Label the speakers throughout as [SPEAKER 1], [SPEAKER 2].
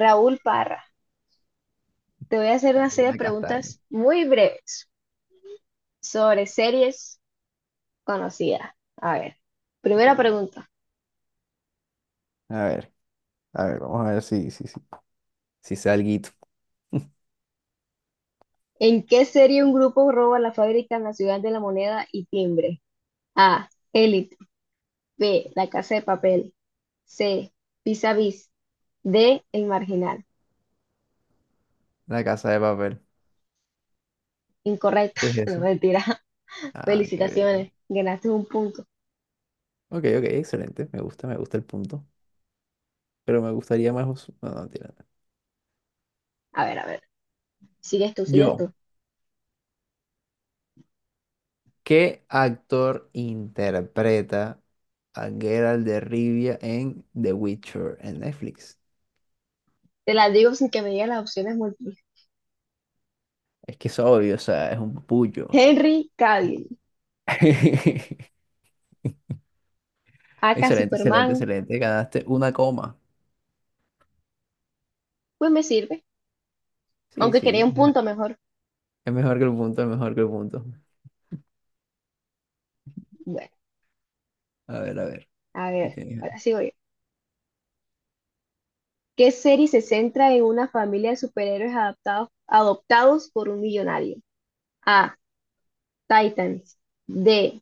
[SPEAKER 1] Raúl Parra, te voy a hacer una serie de
[SPEAKER 2] Carolina Castaño.
[SPEAKER 1] preguntas muy breves sobre series conocidas. A ver, primera pregunta.
[SPEAKER 2] A ver, a ver, vamos a ver si sé alguito.
[SPEAKER 1] ¿En qué serie un grupo roba la fábrica nacional de la moneda y timbre? A. Élite. B. La casa de papel. C. Vis a vis. D. El marginal.
[SPEAKER 2] La casa de papel.
[SPEAKER 1] Incorrecto.
[SPEAKER 2] Es
[SPEAKER 1] No,
[SPEAKER 2] esa.
[SPEAKER 1] mentira.
[SPEAKER 2] Ah, qué...
[SPEAKER 1] Felicitaciones. Ganaste un punto.
[SPEAKER 2] Ok, ok, excelente. Me gusta el punto. Pero me gustaría más... No, no, tira.
[SPEAKER 1] A ver. Sigues tú, sigues
[SPEAKER 2] Yo.
[SPEAKER 1] tú.
[SPEAKER 2] ¿Qué actor interpreta a Geralt de Rivia en The Witcher en Netflix?
[SPEAKER 1] Te las digo sin que me digas las opciones múltiples.
[SPEAKER 2] Es que es obvio, o sea, es un pullo.
[SPEAKER 1] Henry Cavill. Aka
[SPEAKER 2] Excelente, excelente,
[SPEAKER 1] Superman.
[SPEAKER 2] excelente. Ganaste una coma.
[SPEAKER 1] Pues me sirve,
[SPEAKER 2] Sí,
[SPEAKER 1] aunque quería
[SPEAKER 2] sí.
[SPEAKER 1] un punto mejor.
[SPEAKER 2] Es mejor que el punto, es mejor que el punto.
[SPEAKER 1] Bueno,
[SPEAKER 2] A ver, a ver.
[SPEAKER 1] a
[SPEAKER 2] ¿Qué
[SPEAKER 1] ver,
[SPEAKER 2] tienes?
[SPEAKER 1] ahora sigo yo. ¿Qué serie se centra en una familia de superhéroes adoptados por un millonario? A. Titans. D.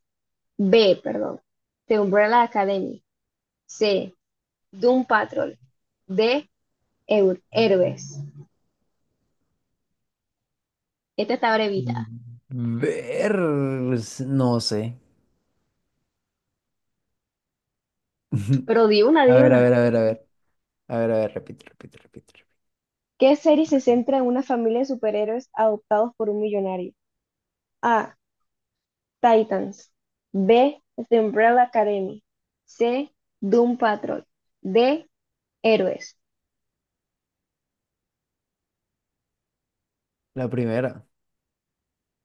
[SPEAKER 1] B, perdón. The Umbrella Academy. C. Doom Patrol. D. Héroes. Esta está brevita.
[SPEAKER 2] Ver. No sé.
[SPEAKER 1] Pero
[SPEAKER 2] A
[SPEAKER 1] di
[SPEAKER 2] ver, a
[SPEAKER 1] una.
[SPEAKER 2] ver, a ver, a ver. A ver, a ver, repite.
[SPEAKER 1] ¿Qué serie se centra en una familia de superhéroes adoptados por un millonario? A. Titans. B. The Umbrella Academy. C. Doom Patrol. D. Héroes.
[SPEAKER 2] La primera.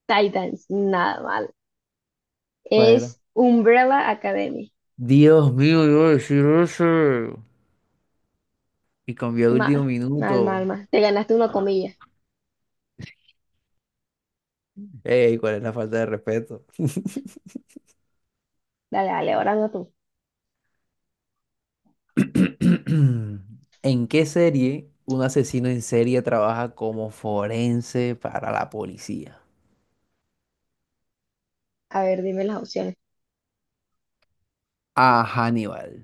[SPEAKER 1] Titans. Nada mal.
[SPEAKER 2] ¿Cuál era?
[SPEAKER 1] Es Umbrella Academy.
[SPEAKER 2] Dios mío, yo decir eso. Y cambió de último
[SPEAKER 1] Mal, mal, mal,
[SPEAKER 2] minuto.
[SPEAKER 1] mal. Te ganaste una comilla.
[SPEAKER 2] Ey, ¿cuál es la falta de respeto?
[SPEAKER 1] Dale, dale, ahora no tú.
[SPEAKER 2] ¿En qué serie un asesino en serie trabaja como forense para la policía?
[SPEAKER 1] A ver, dime las opciones.
[SPEAKER 2] A. Hannibal.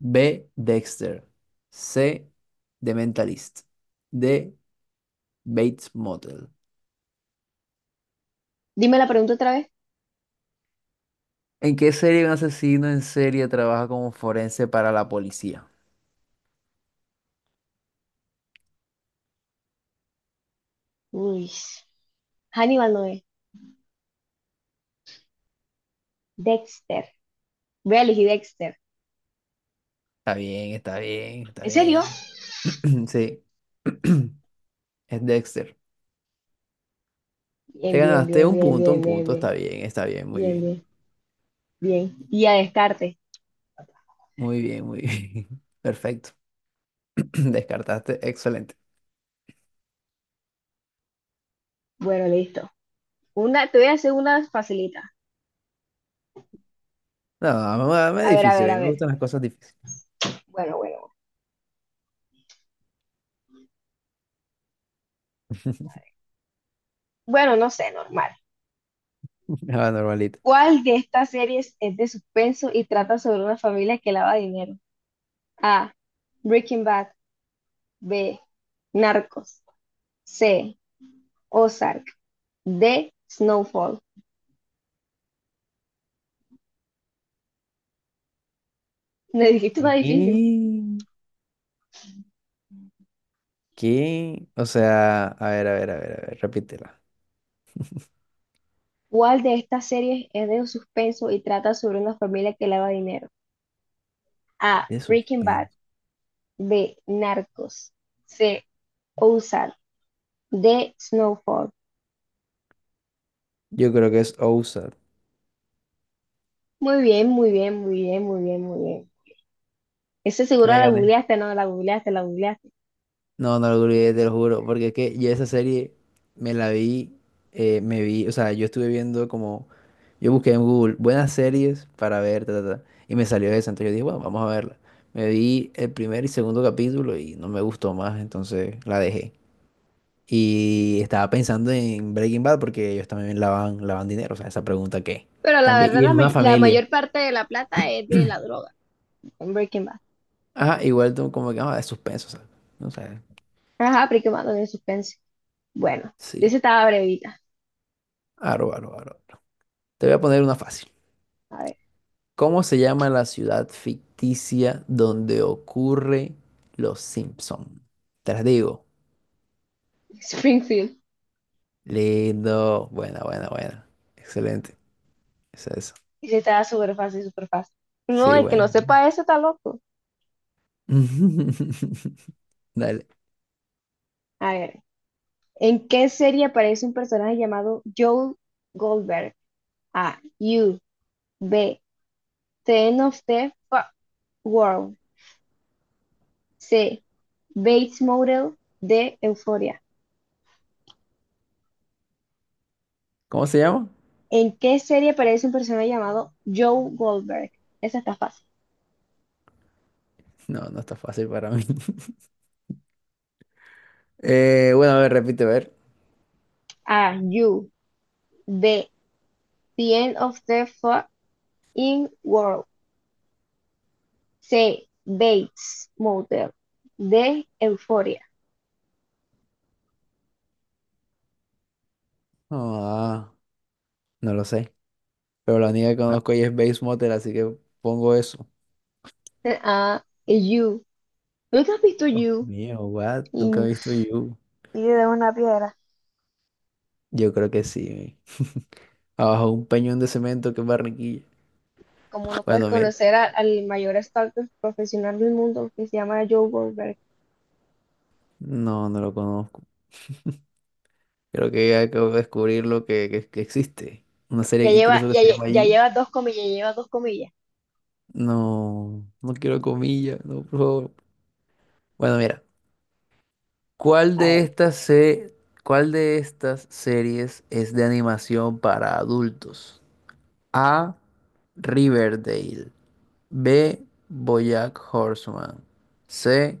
[SPEAKER 2] B. Dexter. C. The Mentalist. D. Bates Motel.
[SPEAKER 1] Dime la pregunta otra vez.
[SPEAKER 2] ¿En qué serie un asesino en serie trabaja como forense para la policía?
[SPEAKER 1] Uy. Hannibal no es. Dexter. Voy a elegir Dexter.
[SPEAKER 2] Está bien, está bien, está
[SPEAKER 1] ¿En serio?
[SPEAKER 2] bien. Sí, es Dexter. Te
[SPEAKER 1] Bien, bien,
[SPEAKER 2] ganaste
[SPEAKER 1] bien,
[SPEAKER 2] un
[SPEAKER 1] bien,
[SPEAKER 2] punto, un
[SPEAKER 1] bien, bien,
[SPEAKER 2] punto.
[SPEAKER 1] bien.
[SPEAKER 2] Está bien, muy
[SPEAKER 1] Bien,
[SPEAKER 2] bien.
[SPEAKER 1] bien, bien. Y a descarte.
[SPEAKER 2] Muy bien, muy bien. Perfecto. Descartaste, excelente.
[SPEAKER 1] Bueno, listo. Una, te voy a hacer una facilita.
[SPEAKER 2] No, me es
[SPEAKER 1] A ver, a
[SPEAKER 2] difícil, a
[SPEAKER 1] ver, a
[SPEAKER 2] mí me
[SPEAKER 1] ver.
[SPEAKER 2] gustan las cosas difíciles.
[SPEAKER 1] Bueno. Bueno, no sé, normal.
[SPEAKER 2] Ah, normalito.
[SPEAKER 1] ¿Cuál de estas series es de suspenso y trata sobre una familia que lava dinero? A. Breaking Bad. B. Narcos. C. Ozark. D. Snowfall. Me dijiste una
[SPEAKER 2] ¿Qué?
[SPEAKER 1] difícil.
[SPEAKER 2] ¿Qué? O sea, a ver, a ver, a ver, a ver, repítela.
[SPEAKER 1] ¿Cuál de estas series es de suspenso y trata sobre una familia que lava dinero? A.
[SPEAKER 2] De
[SPEAKER 1] Breaking Bad.
[SPEAKER 2] suspenso.
[SPEAKER 1] B. Narcos. C. Ozark. D. Snowfall.
[SPEAKER 2] Yo creo que es OSAD.
[SPEAKER 1] Muy bien, muy bien, muy bien, muy bien, muy bien. Ese seguro
[SPEAKER 2] Que me
[SPEAKER 1] la
[SPEAKER 2] gané.
[SPEAKER 1] googleaste, no, la googleaste.
[SPEAKER 2] No, no lo olvidé, te lo juro. Porque es que yo esa serie me la vi, me vi, o sea, yo estuve viendo como, yo busqué en Google buenas series para ver, ta, ta, ta, y me salió esa. Entonces yo dije, bueno, vamos a verla. Me vi el primer y segundo capítulo y no me gustó más, entonces la dejé. Y estaba pensando en Breaking Bad porque ellos también lavan dinero, o sea, esa pregunta que
[SPEAKER 1] Pero la
[SPEAKER 2] también,
[SPEAKER 1] verdad,
[SPEAKER 2] y es una
[SPEAKER 1] la
[SPEAKER 2] familia.
[SPEAKER 1] mayor parte de la plata es de la droga. En Breaking Bad.
[SPEAKER 2] Ajá, igual tú como que, ah, de suspenso, o sea, no sé,
[SPEAKER 1] Ajá, Breaking Bad de suspense. Bueno,
[SPEAKER 2] sí,
[SPEAKER 1] dice estaba brevita.
[SPEAKER 2] aro, aro, aro. Te voy a poner una fácil.
[SPEAKER 1] A ver,
[SPEAKER 2] ¿Cómo se llama la ciudad ficticia donde ocurre Los Simpson? Te las digo.
[SPEAKER 1] Springfield.
[SPEAKER 2] Lindo, buena, buena, buena. Excelente, es eso.
[SPEAKER 1] Dice estaba súper fácil. No,
[SPEAKER 2] Sí,
[SPEAKER 1] el que no
[SPEAKER 2] bueno.
[SPEAKER 1] sepa eso está loco.
[SPEAKER 2] Dale.
[SPEAKER 1] A ver, ¿en qué serie aparece un personaje llamado Joel Goldberg? A. U. B. Ten of the Fu- World. C. Bates Motel. D. Euphoria.
[SPEAKER 2] ¿Cómo se llama?
[SPEAKER 1] ¿En qué serie aparece un personaje llamado Joe Goldberg? Esa está fácil.
[SPEAKER 2] No, no está fácil para mí. Bueno, a ver, repite, a ver.
[SPEAKER 1] A. You. B. The End of the Fucking World. C. Bates Motel. D. Euphoria.
[SPEAKER 2] Ah, no lo sé. Pero la única que Ah, conozco ahí es Base Motel, así que pongo eso.
[SPEAKER 1] A. You. ¿Nunca has visto
[SPEAKER 2] No.
[SPEAKER 1] You?
[SPEAKER 2] Mío, what? Nunca
[SPEAKER 1] Y
[SPEAKER 2] he visto You.
[SPEAKER 1] Y de una piedra.
[SPEAKER 2] Yo creo que sí. Abajo un peñón de cemento que es Barranquilla.
[SPEAKER 1] Como no puedes
[SPEAKER 2] Bueno, mira.
[SPEAKER 1] al mayor stalker profesional del mundo que se llama Joe Goldberg.
[SPEAKER 2] No, no lo conozco. Creo que acabo de descubrir lo que existe. Una
[SPEAKER 1] Ya
[SPEAKER 2] serie que
[SPEAKER 1] lleva,
[SPEAKER 2] incluso que
[SPEAKER 1] ya,
[SPEAKER 2] se llama You.
[SPEAKER 1] ya lleva dos comillas.
[SPEAKER 2] No, no quiero comillas, no, por favor. Bueno, mira. ¿Cuál
[SPEAKER 1] A
[SPEAKER 2] de
[SPEAKER 1] ver.
[SPEAKER 2] estas se- ¿cuál de estas series es de animación para adultos? A. Riverdale. B. BoJack Horseman. C.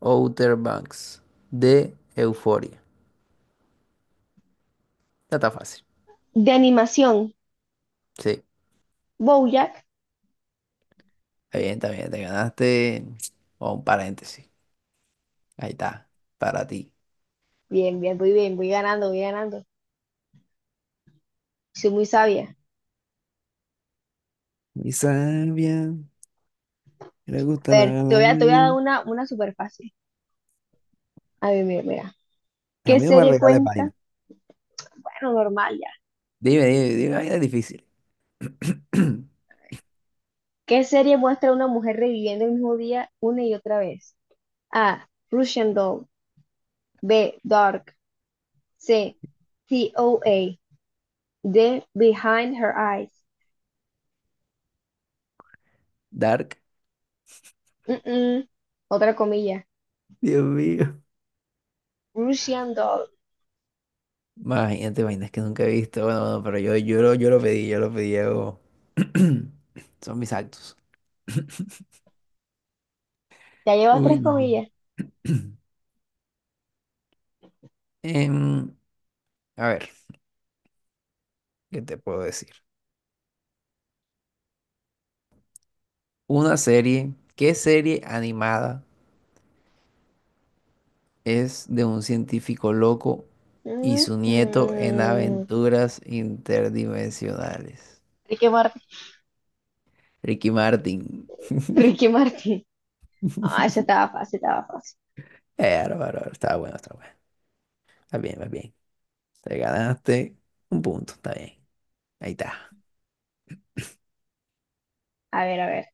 [SPEAKER 2] Outer Banks. D. Euphoria. Ya está fácil.
[SPEAKER 1] De animación,
[SPEAKER 2] Sí,
[SPEAKER 1] Bojack.
[SPEAKER 2] está bien, está bien. Te ganaste o un paréntesis. Ahí está, para ti.
[SPEAKER 1] Muy bien, voy voy ganando. Soy muy sabia.
[SPEAKER 2] Mi sabia, le gusta
[SPEAKER 1] A
[SPEAKER 2] la
[SPEAKER 1] ver, te voy a dar
[SPEAKER 2] labia.
[SPEAKER 1] una súper fácil. A ver, mira.
[SPEAKER 2] A
[SPEAKER 1] ¿Qué
[SPEAKER 2] mí no me
[SPEAKER 1] serie
[SPEAKER 2] regales
[SPEAKER 1] cuenta?
[SPEAKER 2] vaina.
[SPEAKER 1] Bueno, normal ya.
[SPEAKER 2] Dime, dime, dime, vaina difícil.
[SPEAKER 1] ¿Qué serie muestra a una mujer reviviendo el mismo día una y otra vez? A. Russian Doll. B. Dark. C. T O A D. Behind Her Eyes.
[SPEAKER 2] Dark.
[SPEAKER 1] Mm, mm. Otra comilla.
[SPEAKER 2] Dios mío.
[SPEAKER 1] Russian Doll.
[SPEAKER 2] Imagínate vainas que nunca he visto. Bueno, bueno, pero yo lo pedí, yo lo pedí. Son mis actos.
[SPEAKER 1] Ya llevas
[SPEAKER 2] Uy,
[SPEAKER 1] tres
[SPEAKER 2] no.
[SPEAKER 1] comillas.
[SPEAKER 2] Em, a ver, ¿qué te puedo decir? Una serie, ¿qué serie animada es de un científico loco y
[SPEAKER 1] Mm,
[SPEAKER 2] su nieto en
[SPEAKER 1] mm.
[SPEAKER 2] aventuras interdimensionales?
[SPEAKER 1] Ricky Martin.
[SPEAKER 2] Ricky Martin.
[SPEAKER 1] Ricky Martin. Ah, esa estaba estaba fácil.
[SPEAKER 2] Bárbaro, está bueno, está bueno. Está bien, está bien. Te ganaste un punto, está bien. Ahí está.
[SPEAKER 1] A ver.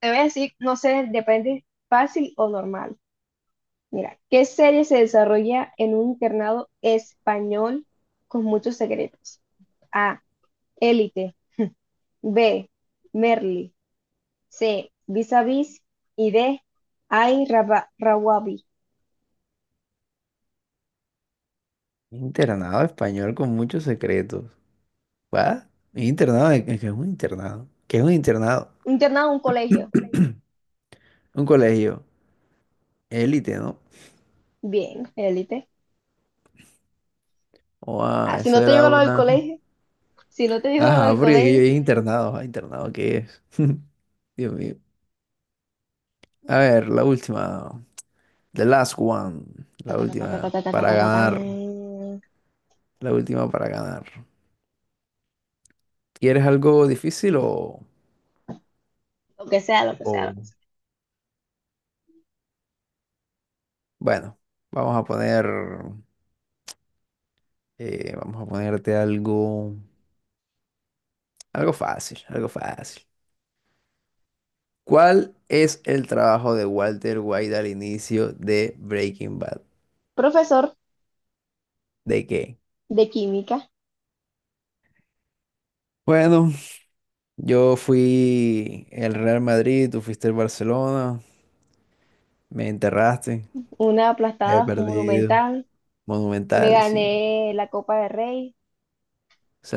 [SPEAKER 1] Te voy a decir, no sé, depende fácil o normal. Mira, ¿qué serie se desarrolla en un internado español con muchos secretos? A. Élite. B. Merli. C. Vis a Vis. Y D. Ay, Rawabi.
[SPEAKER 2] Internado español con muchos secretos. ¿Va? Internado, ¿qué es un internado? ¿Qué es un internado?
[SPEAKER 1] Un internado, un colegio.
[SPEAKER 2] Un colegio. Élite, ¿no?
[SPEAKER 1] Bien, élite.
[SPEAKER 2] Oh,
[SPEAKER 1] Ah,
[SPEAKER 2] ah,
[SPEAKER 1] si
[SPEAKER 2] eso
[SPEAKER 1] no te
[SPEAKER 2] era
[SPEAKER 1] digo lo del
[SPEAKER 2] una.
[SPEAKER 1] colegio, si no te digo lo
[SPEAKER 2] Ajá,
[SPEAKER 1] del
[SPEAKER 2] porque aquí yo
[SPEAKER 1] colegio.
[SPEAKER 2] dije internado. Ah, internado, ¿qué es? Dios mío. A ver, la última. The last one.
[SPEAKER 1] Ta,
[SPEAKER 2] La
[SPEAKER 1] ta, ta, ta, ta, ta,
[SPEAKER 2] última.
[SPEAKER 1] ta, ta, ta,
[SPEAKER 2] Para
[SPEAKER 1] ta, ta, tan.
[SPEAKER 2] ganar. La última para ganar. ¿Quieres algo difícil o...?
[SPEAKER 1] Lo que sea.
[SPEAKER 2] o- Bueno, vamos a poner... vamos a ponerte algo... Algo fácil, algo fácil. ¿Cuál es el trabajo de Walter White al inicio de Breaking Bad?
[SPEAKER 1] Profesor
[SPEAKER 2] ¿De qué?
[SPEAKER 1] de química.
[SPEAKER 2] Bueno, yo fui el Real Madrid, tú fuiste el Barcelona, me enterraste,
[SPEAKER 1] Una
[SPEAKER 2] he
[SPEAKER 1] aplastada
[SPEAKER 2] perdido.
[SPEAKER 1] monumental. Me
[SPEAKER 2] Monumental, sí,
[SPEAKER 1] gané la Copa de Rey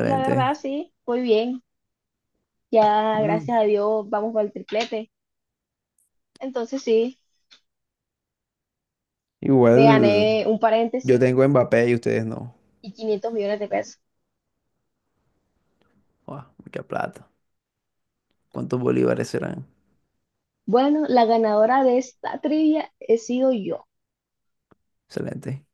[SPEAKER 1] y la verdad sí, muy bien. Ya
[SPEAKER 2] Bueno,
[SPEAKER 1] gracias a Dios vamos por el triplete. Entonces sí, me
[SPEAKER 2] igual
[SPEAKER 1] gané un
[SPEAKER 2] yo
[SPEAKER 1] paréntesis
[SPEAKER 2] tengo Mbappé y ustedes no.
[SPEAKER 1] y 500 millones de pesos.
[SPEAKER 2] Guau, mucha plata. ¿Cuántos bolívares serán?
[SPEAKER 1] Bueno, la ganadora de esta trivia he sido yo.
[SPEAKER 2] Excelente.